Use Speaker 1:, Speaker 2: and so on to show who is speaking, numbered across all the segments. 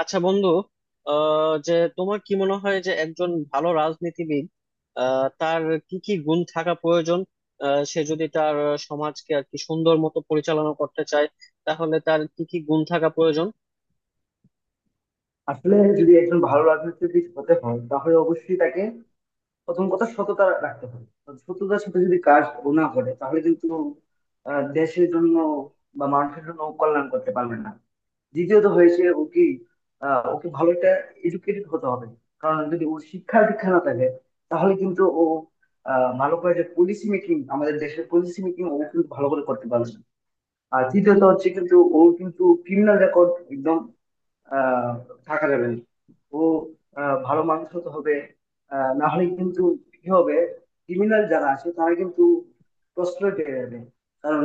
Speaker 1: আচ্ছা বন্ধু। আহ যে তোমার কি মনে হয় যে একজন ভালো রাজনীতিবিদ, তার কি কি গুণ থাকা প্রয়োজন? সে যদি তার সমাজকে আর কি সুন্দর মতো পরিচালনা করতে চায়, তাহলে তার কি কি গুণ থাকা প্রয়োজন?
Speaker 2: আসলে যদি একজন ভালো রাজনীতিবিদ হতে হয় তাহলে অবশ্যই তাকে প্রথম কথা সততা রাখতে হবে। সততার সাথে যদি কাজ ও না করে তাহলে কিন্তু দেশের জন্য বা মানুষের জন্য ও কল্যাণ করতে পারবে না। দ্বিতীয়ত হয়েছে ও কি ওকে ভালো একটা এডুকেটেড হতে হবে। কারণ যদি ওর শিক্ষা দীক্ষা না থাকে তাহলে কিন্তু ও ভালো করে যে পলিসি মেকিং আমাদের দেশের পলিসি মেকিং ও কিন্তু ভালো করে করতে পারবে না। আর তৃতীয়ত হচ্ছে কিন্তু ও কিন্তু ক্রিমিনাল রেকর্ড একদম আহ থাকা যাবে না। ও ভালো মানুষ হতে হবে। না হলে কিন্তু কি হবে? ক্রিমিনাল যারা আছে তারা কিন্তু প্রশ্রয় পেয়ে যাবে, কারণ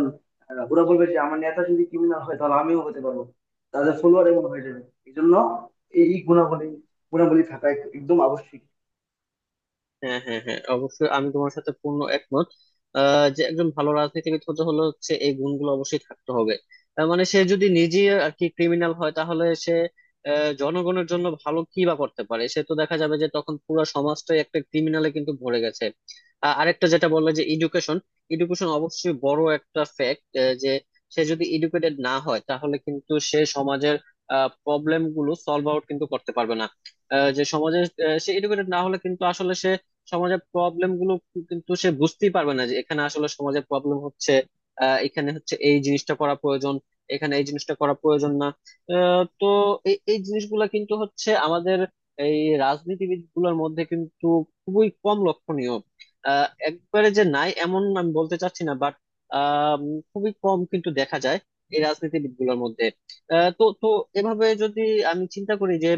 Speaker 2: ওরা বলবে যে আমার নেতা যদি ক্রিমিনাল হয় তাহলে আমিও হতে পারবো। তাদের ফলোয়ার এমন হয়ে যাবে। এই জন্য এই গুণাবলী গুণাবলী থাকা একদম আবশ্যিক।
Speaker 1: হ্যাঁ হ্যাঁ হ্যাঁ, অবশ্যই আমি তোমার সাথে পূর্ণ একমত। যে একজন ভালো রাজনীতিবিদ হতে হলে হচ্ছে এই গুণগুলো অবশ্যই থাকতে হবে। তার মানে সে যদি নিজে আর কি ক্রিমিনাল হয়, তাহলে সে জনগণের জন্য ভালো কি বা করতে পারে? সে তো দেখা যাবে যে তখন পুরো সমাজটাই একটা ক্রিমিনালে কিন্তু ভরে গেছে। আরেকটা যেটা বললে যে এডুকেশন, এডুকেশন অবশ্যই বড় একটা ফ্যাক্ট। যে সে যদি এডুকেটেড না হয়, তাহলে কিন্তু সে সমাজের প্রবলেম গুলো সলভ আউট কিন্তু করতে পারবে না। যে সমাজে সে এডুকেটেড না হলে কিন্তু আসলে সমাজের প্রবলেম গুলো কিন্তু সে বুঝতেই পারবে না যে এখানে আসলে সমাজের প্রবলেম হচ্ছে। এখানে হচ্ছে এই জিনিসটা করা প্রয়োজন, এখানে এই জিনিসটা করা প্রয়োজন না। তো এই এই জিনিসগুলা কিন্তু হচ্ছে আমাদের এই রাজনীতিবিদ গুলোর মধ্যে কিন্তু খুবই কম লক্ষণীয়। একবারে যে নাই এমন আমি বলতে চাচ্ছি না, বাট খুবই কম কিন্তু দেখা যায় এই রাজনীতিবিদ গুলোর মধ্যে। আহ, তো তো এভাবে যদি আমি চিন্তা করি যে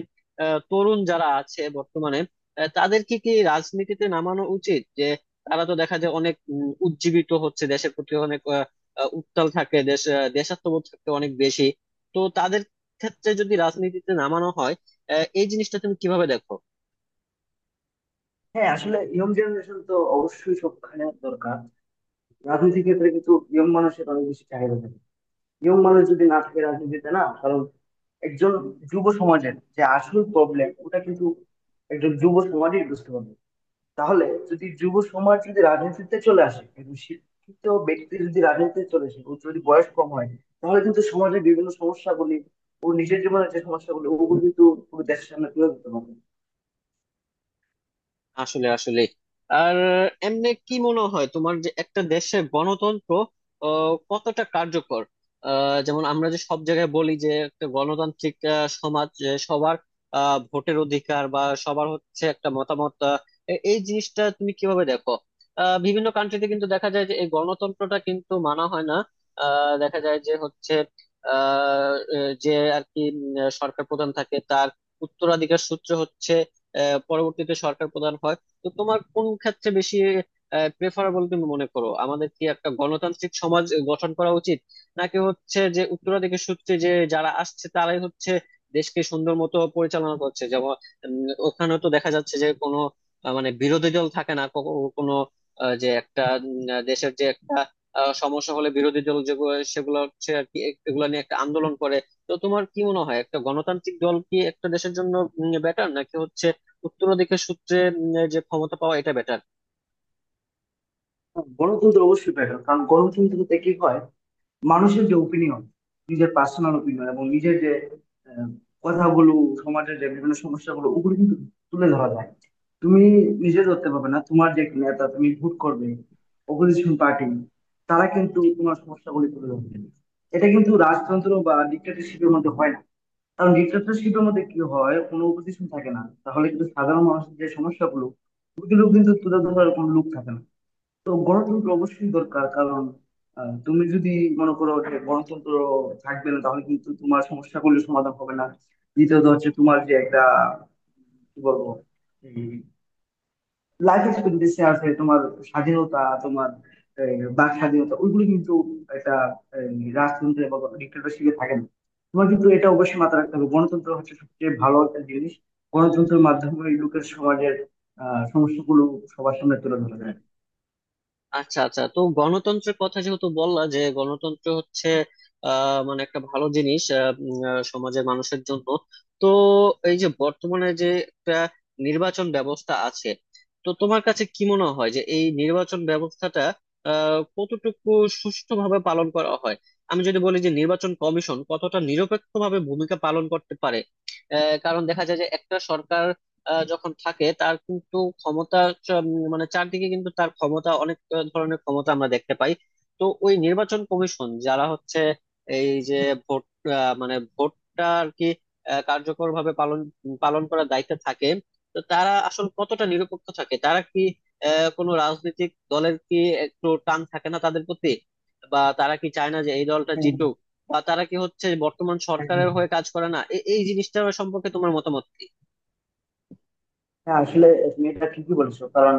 Speaker 1: তরুণ যারা আছে বর্তমানে, তাদের কি কি রাজনীতিতে নামানো উচিত? যে তারা তো দেখা যায় অনেক উজ্জীবিত হচ্ছে দেশের প্রতি, অনেক আহ, আহ, উত্তাল থাকে দেশ, দেশাত্মবোধ থাকে অনেক বেশি। তো তাদের ক্ষেত্রে যদি রাজনীতিতে নামানো হয়, এই জিনিসটা তুমি কিভাবে দেখো?
Speaker 2: হ্যাঁ, আসলে ইয়ং জেনারেশন তো অবশ্যই সবখানে দরকার। রাজনীতির ক্ষেত্রে কিন্তু ইয়ং মানুষের অনেক বেশি চাহিদা থাকে। ইয়ং মানুষ যদি না থাকে রাজনীতিতে, না কারণ একজন যুব সমাজের যে আসল প্রবলেম ওটা কিন্তু একজন যুব সমাজই বুঝতে পারবে। তাহলে যদি যুব সমাজ যদি রাজনীতিতে চলে আসে, একজন শিক্ষিত ব্যক্তি যদি রাজনীতিতে চলে আসে, ওর যদি বয়স কম হয় তাহলে কিন্তু সমাজের বিভিন্ন সমস্যাগুলি, ও নিজের জীবনের যে সমস্যাগুলি, ওগুলো কিন্তু পুরো দেশের সামনে তুলে ধরতে পারবে।
Speaker 1: আসলে আসলে আর এমনি কি মনে হয় তোমার যে একটা দেশের গণতন্ত্র কতটা কার্যকর? যেমন আমরা যে সব জায়গায় বলি যে একটা গণতান্ত্রিক সমাজ, যে সবার ভোটের অধিকার বা সবার হচ্ছে একটা মতামত, এই জিনিসটা তুমি কিভাবে দেখো? বিভিন্ন কান্ট্রিতে কিন্তু দেখা যায় যে এই গণতন্ত্রটা কিন্তু মানা হয় না। দেখা যায় যে হচ্ছে আহ, এ, যে আর কি সরকার প্রধান থাকে, তার উত্তরাধিকার সূত্র হচ্ছে পরবর্তীতে সরকার প্রধান হয়। তো তোমার কোন ক্ষেত্রে বেশি প্রেফারেবল তুমি মনে করো? আমাদের কি একটা গণতান্ত্রিক সমাজ গঠন করা উচিত, নাকি হচ্ছে যে উত্তরাধিকার সূত্রে যে যারা আসছে তারাই হচ্ছে দেশকে সুন্দর মতো পরিচালনা করছে? যেমন উম, ওখানে তো দেখা যাচ্ছে যে কোনো মানে বিরোধী দল থাকে না কোনো যে একটা দেশের যে একটা সমস্যা হলে বিরোধী দল যেগুলো সেগুলো হচ্ছে আর কি এগুলো নিয়ে একটা আন্দোলন করে। তো তোমার কি মনে হয় একটা গণতান্ত্রিক দল কি একটা দেশের জন্য বেটার, নাকি হচ্ছে উত্তরাধিকার সূত্রে যে ক্ষমতা পাওয়া এটা বেটার?
Speaker 2: গণতন্ত্র অবশ্যই বেটার, কারণ গণতন্ত্রতে কি হয়, মানুষের যে ওপিনিয়ন, নিজের পার্সোনাল ওপিনিয়ন এবং নিজের যে আহ, কথাগুলো, সমাজের যে বিভিন্ন সমস্যাগুলো, ওগুলো কিন্তু তুলে ধরা যায়। তুমি নিজে ধরতে পারবে না, তোমার যে নেতা তুমি ভোট করবে, অপোজিশন পার্টি, তারা কিন্তু তোমার সমস্যাগুলি তুলে ধরবে। এটা কিন্তু রাজতন্ত্র বা ডিক্টেটরশিপের মধ্যে হয় না। কারণ ডিক্টেটরশিপের মধ্যে কি হয়, কোনো অপোজিশন থাকে না, তাহলে কিন্তু সাধারণ মানুষের যে সমস্যাগুলো, ওগুলো কিন্তু তুলে ধরার কোনো লোক থাকে না। তো গণতন্ত্র অবশ্যই দরকার, কারণ তুমি যদি মনে করো যে গণতন্ত্র থাকবে না, তাহলে কিন্তু তোমার সমস্যাগুলো সমাধান হবে না। দ্বিতীয়ত হচ্ছে তোমার যে একটা, কি বলবো, লাইফ এক্সপেক্টেন্সি আছে, তোমার স্বাধীনতা, তোমার বাক স্বাধীনতা, ওইগুলো কিন্তু একটা আহ, রাজতন্ত্রে বা ডিক্টেটরশিপে থাকে না। তোমার কিন্তু এটা অবশ্যই মাথায় রাখতে হবে, গণতন্ত্র হচ্ছে সবচেয়ে ভালো একটা জিনিস। গণতন্ত্রের মাধ্যমে লোকের, সমাজের সমস্যাগুলো সবার সামনে তুলে ধরা যায়।
Speaker 1: আচ্ছা আচ্ছা, তো গণতন্ত্রের কথা যেহেতু বললা যে গণতন্ত্র হচ্ছে মানে একটা ভালো জিনিস সমাজের মানুষের জন্য। তো এই যে বর্তমানে যে একটা নির্বাচন ব্যবস্থা আছে, তো তোমার কাছে কি মনে হয় যে এই নির্বাচন ব্যবস্থাটা কতটুকু সুষ্ঠুভাবে পালন করা হয়? আমি যদি বলি যে নির্বাচন কমিশন কতটা নিরপেক্ষভাবে ভূমিকা পালন করতে পারে? কারণ দেখা যায় যে একটা সরকার যখন থাকে, তার কিন্তু ক্ষমতা মানে চারদিকে কিন্তু তার ক্ষমতা অনেক, ধরনের ক্ষমতা আমরা দেখতে পাই। তো ওই নির্বাচন কমিশন যারা হচ্ছে এই যে ভোট, মানে ভোটটা আর কি কার্যকর ভাবে পালন পালন করার দায়িত্বে থাকে, তো তারা আসলে কতটা নিরপেক্ষ থাকে? তারা কি কোনো রাজনৈতিক দলের কি একটু টান থাকে না তাদের প্রতি? বা তারা কি চায় না যে এই দলটা
Speaker 2: হ্যাঁ,
Speaker 1: জিতুক? বা তারা কি হচ্ছে বর্তমান
Speaker 2: হ্যাঁ।
Speaker 1: সরকারের হয়ে কাজ করে না? এই জিনিসটার সম্পর্কে তোমার মতামত কি?
Speaker 2: হ্যাঁ, আসলে তুমি এটা ঠিকই বলেছো। কারণ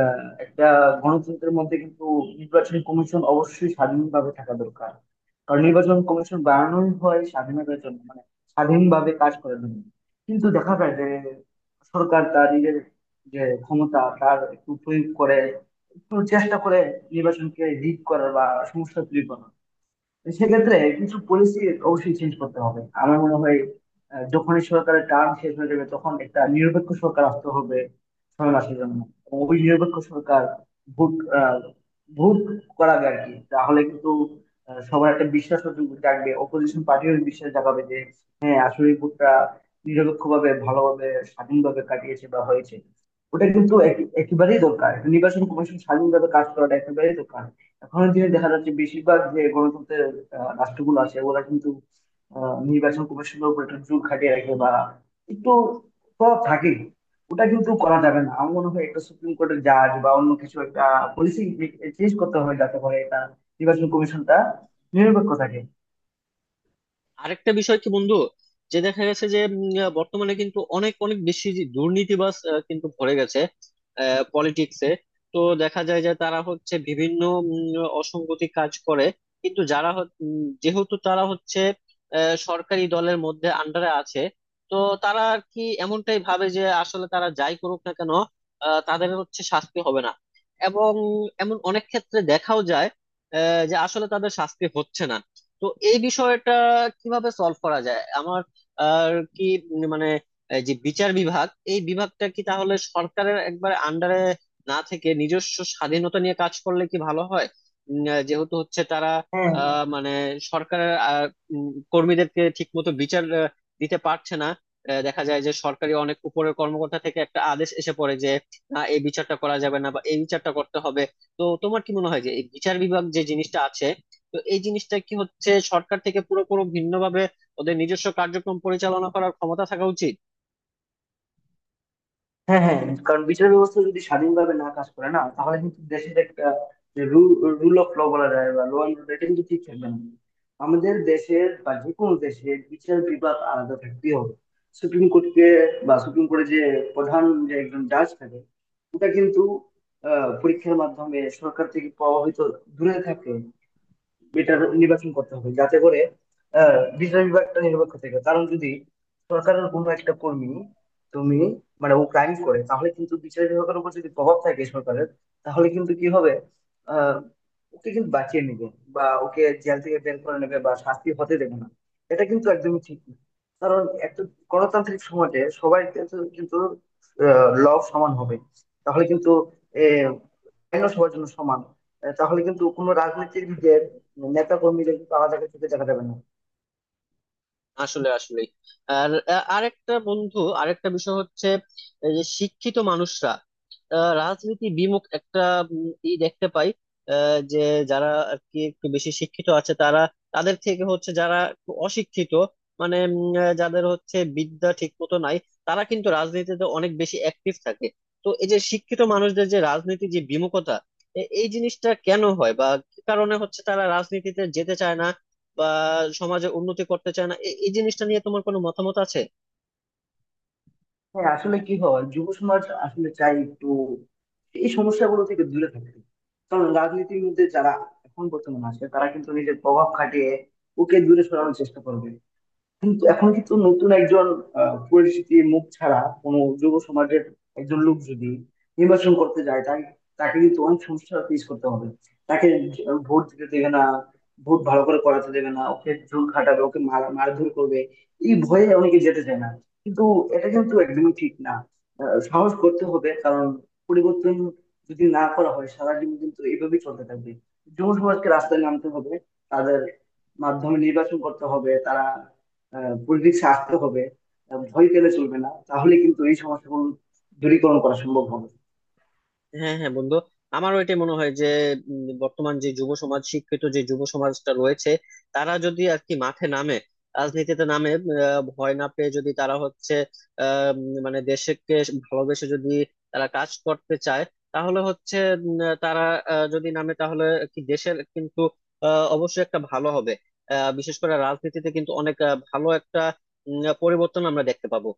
Speaker 2: একটা গণতন্ত্রের মধ্যে কিন্তু নির্বাচন কমিশন অবশ্যই স্বাধীনভাবে থাকা দরকার। কারণ নির্বাচন কমিশন বানানোই হয় স্বাধীনতার জন্য, মানে স্বাধীনভাবে কাজ করার জন্য। কিন্তু দেখা যায় যে সরকার তার নিজের যে ক্ষমতা, তার একটু প্রয়োগ করে, একটু চেষ্টা করে নির্বাচনকে রিগ করার বা সমস্যা তৈরি করার। সেক্ষেত্রে কিছু পলিসি অবশ্যই চেঞ্জ করতে হবে আমার মনে হয়। যখনই সরকারের টার্ম শেষ হয়ে যাবে তখন একটা নিরপেক্ষ সরকার আসতে হবে 6 মাসের জন্য। এবং ওই নিরপেক্ষ সরকার ভোট আহ, ভোট করাবে আর কি। তাহলে কিন্তু সবার একটা বিশ্বাস জাগবে, অপোজিশন পার্টিও বিশ্বাস জাগাবে যে হ্যাঁ আসলে ভোটটা নিরপেক্ষভাবে, ভালোভাবে, স্বাধীনভাবে কাটিয়েছে বা হয়েছে। ওটা কিন্তু একেবারেই দরকার, নির্বাচন কমিশন স্বাধীনভাবে কাজ করাটা একেবারেই দরকার। এখনের দিনে দেখা যাচ্ছে বেশিরভাগ যে গণতন্ত্রের রাষ্ট্রগুলো আছে, ওরা কিন্তু নির্বাচন কমিশনের উপর একটু জোর খাটিয়ে রাখে বা একটু প্রভাব থাকে। ওটা কিন্তু করা যাবে না। আমার মনে হয় একটা সুপ্রিম কোর্টের জাজ বা অন্য কিছু একটা পলিসি চেঞ্জ করতে হবে যাতে করে এটা নির্বাচন কমিশনটা নিরপেক্ষ থাকে।
Speaker 1: আরেকটা বিষয় কি বন্ধু, যে দেখা গেছে যে বর্তমানে কিন্তু অনেক অনেক বেশি যে দুর্নীতিবাজ কিন্তু ভরে গেছে পলিটিক্সে। তো দেখা যায় যে তারা হচ্ছে বিভিন্ন অসঙ্গতি কাজ করে। কিন্তু যেহেতু তারা হচ্ছে সরকারি দলের মধ্যে আন্ডারে আছে, তো তারা আর কি এমনটাই ভাবে যে আসলে তারা যাই করুক না কেন, তাদের হচ্ছে শাস্তি হবে না। এবং এমন অনেক ক্ষেত্রে দেখাও যায় যে আসলে তাদের শাস্তি হচ্ছে না। তো এই বিষয়টা কিভাবে সলভ করা যায় আমার আর কি, মানে এই যে বিচার বিভাগ, এই বিভাগটা কি তাহলে সরকারের একবারে আন্ডারে না থেকে নিজস্ব স্বাধীনতা নিয়ে কাজ করলে কি ভালো হয়? যেহেতু হচ্ছে তারা
Speaker 2: হ্যাঁ,
Speaker 1: মানে সরকারের কর্মীদেরকে ঠিক মতো বিচার দিতে পারছে না। দেখা যায় যে সরকারি অনেক উপরের কর্মকর্তা থেকে একটা আদেশ এসে পড়ে যে না, এই বিচারটা করা যাবে না বা এই বিচারটা করতে হবে। তো তোমার কি মনে হয় যে এই বিচার বিভাগ যে জিনিসটা আছে, তো এই জিনিসটা কি হচ্ছে সরকার থেকে পুরোপুরি ভিন্নভাবে ওদের নিজস্ব কার্যক্রম পরিচালনা করার ক্ষমতা থাকা উচিত?
Speaker 2: হ্যাঁ, হ্যাঁ, কারণ বিচার ব্যবস্থা যদি স্বাধীনভাবে না কাজ করে না তাহলে কিন্তু দেশের একটা, যে রুল অফ ল বলা যায় বা ল অ্যান্ড অর্ডার, এটা কিন্তু ঠিক থাকবে না। আমাদের দেশের বা যে কোনো দেশের বিচার বিভাগ আলাদা থাকতেই হবে। সুপ্রিম কোর্টকে বা সুপ্রিম কোর্টের যে প্রধান, যে একজন জাজ থাকে, ওটা কিন্তু পরীক্ষার মাধ্যমে, সরকার থেকে পাওয়া হয়তো দূরে থাকে, বেটার নির্বাচন করতে হবে যাতে করে বিচার বিভাগটা নিরপেক্ষ থেকে। কারণ যদি সরকারের কোনো একটা কর্মী, তুমি মানে ও ক্রাইম করে, তাহলে কিন্তু বিচার বিভাগের উপর যদি প্রভাব থাকে সরকারের, তাহলে কিন্তু কি হবে? আহ ওকে কিন্তু বাঁচিয়ে নেবে, বা ওকে জেল থেকে বের করে নেবে, বা শাস্তি হতে দেবে না। এটা কিন্তু একদমই ঠিক না। কারণ একটা গণতান্ত্রিক সমাজে সবাই কিন্তু কিন্তু ল সমান হবে, তাহলে কিন্তু এ, আইনও সবার জন্য সমান। তাহলে কিন্তু কোনো রাজনৈতিক দিকের নেতা কর্মীদের কিন্তু আলাদা চোখে দেখা যাবে না।
Speaker 1: আসলে আসলে আর আরেকটা বন্ধু, আরেকটা বিষয় হচ্ছে এই যে শিক্ষিত মানুষরা রাজনীতি বিমুখ একটা ই দেখতে পাই। যে যারা আর কি একটু বেশি শিক্ষিত আছে তারা, তাদের থেকে হচ্ছে যারা একটু অশিক্ষিত, মানে যাদের হচ্ছে বিদ্যা ঠিক মতো নাই, তারা কিন্তু রাজনীতিতে অনেক বেশি অ্যাক্টিভ থাকে। তো এই যে শিক্ষিত মানুষদের যে রাজনীতি যে বিমুখতা, এই জিনিসটা কেন হয় বা কি কারণে হচ্ছে তারা রাজনীতিতে যেতে চায় না বা সমাজে উন্নতি করতে চায় না? এই জিনিসটা নিয়ে তোমার কোনো মতামত আছে?
Speaker 2: হ্যাঁ, আসলে কি হয়, যুব সমাজ আসলে চাই একটু এই সমস্যাগুলো থেকে দূরে থাকতে। কারণ রাজনীতির মধ্যে যারা এখন বর্তমানে আছে তারা কিন্তু নিজের প্রভাব খাটিয়ে ওকে দূরে সরানোর চেষ্টা করবে। কিন্তু এখন কিন্তু নতুন একজন পরিচিতির মুখ ছাড়া কোনো যুব সমাজের একজন লোক যদি নির্বাচন করতে যায়, তাকে তাকে কিন্তু অনেক সমস্যা ফেস করতে হবে। তাকে ভোট দিতে দেবে না, ভোট ভালো করে করাতে দেবে না, ওকে জোর খাটাবে, ওকে মারধর করবে। এই ভয়ে অনেকে যেতে চায় না। কিন্তু এটা কিন্তু একদমই ঠিক না। সাহস করতে হবে। কারণ পরিবর্তন যদি না করা হয় সারা জীবন কিন্তু এইভাবেই চলতে থাকবে। যুব সমাজকে রাস্তায় নামতে হবে, তাদের মাধ্যমে নির্বাচন করতে হবে, তারা পলিটিক্সে আসতে হবে। ভয় পেলে চলবে না, তাহলে কিন্তু এই সমস্যাগুলো দূরীকরণ করা সম্ভব হবে।
Speaker 1: হ্যাঁ হ্যাঁ বন্ধু, আমারও এটা মনে হয় যে বর্তমান যে যুব সমাজ, শিক্ষিত যে যুব সমাজটা রয়েছে, তারা যদি আর কি মাঠে নামে, রাজনীতিতে নামে, ভয় না পেয়ে যদি তারা হচ্ছে মানে দেশকে ভালোবেসে যদি তারা কাজ করতে চায়, তাহলে হচ্ছে তারা যদি নামে তাহলে কি দেশের কিন্তু অবশ্যই একটা ভালো হবে। বিশেষ করে রাজনীতিতে কিন্তু অনেক ভালো একটা পরিবর্তন আমরা দেখতে পাবো।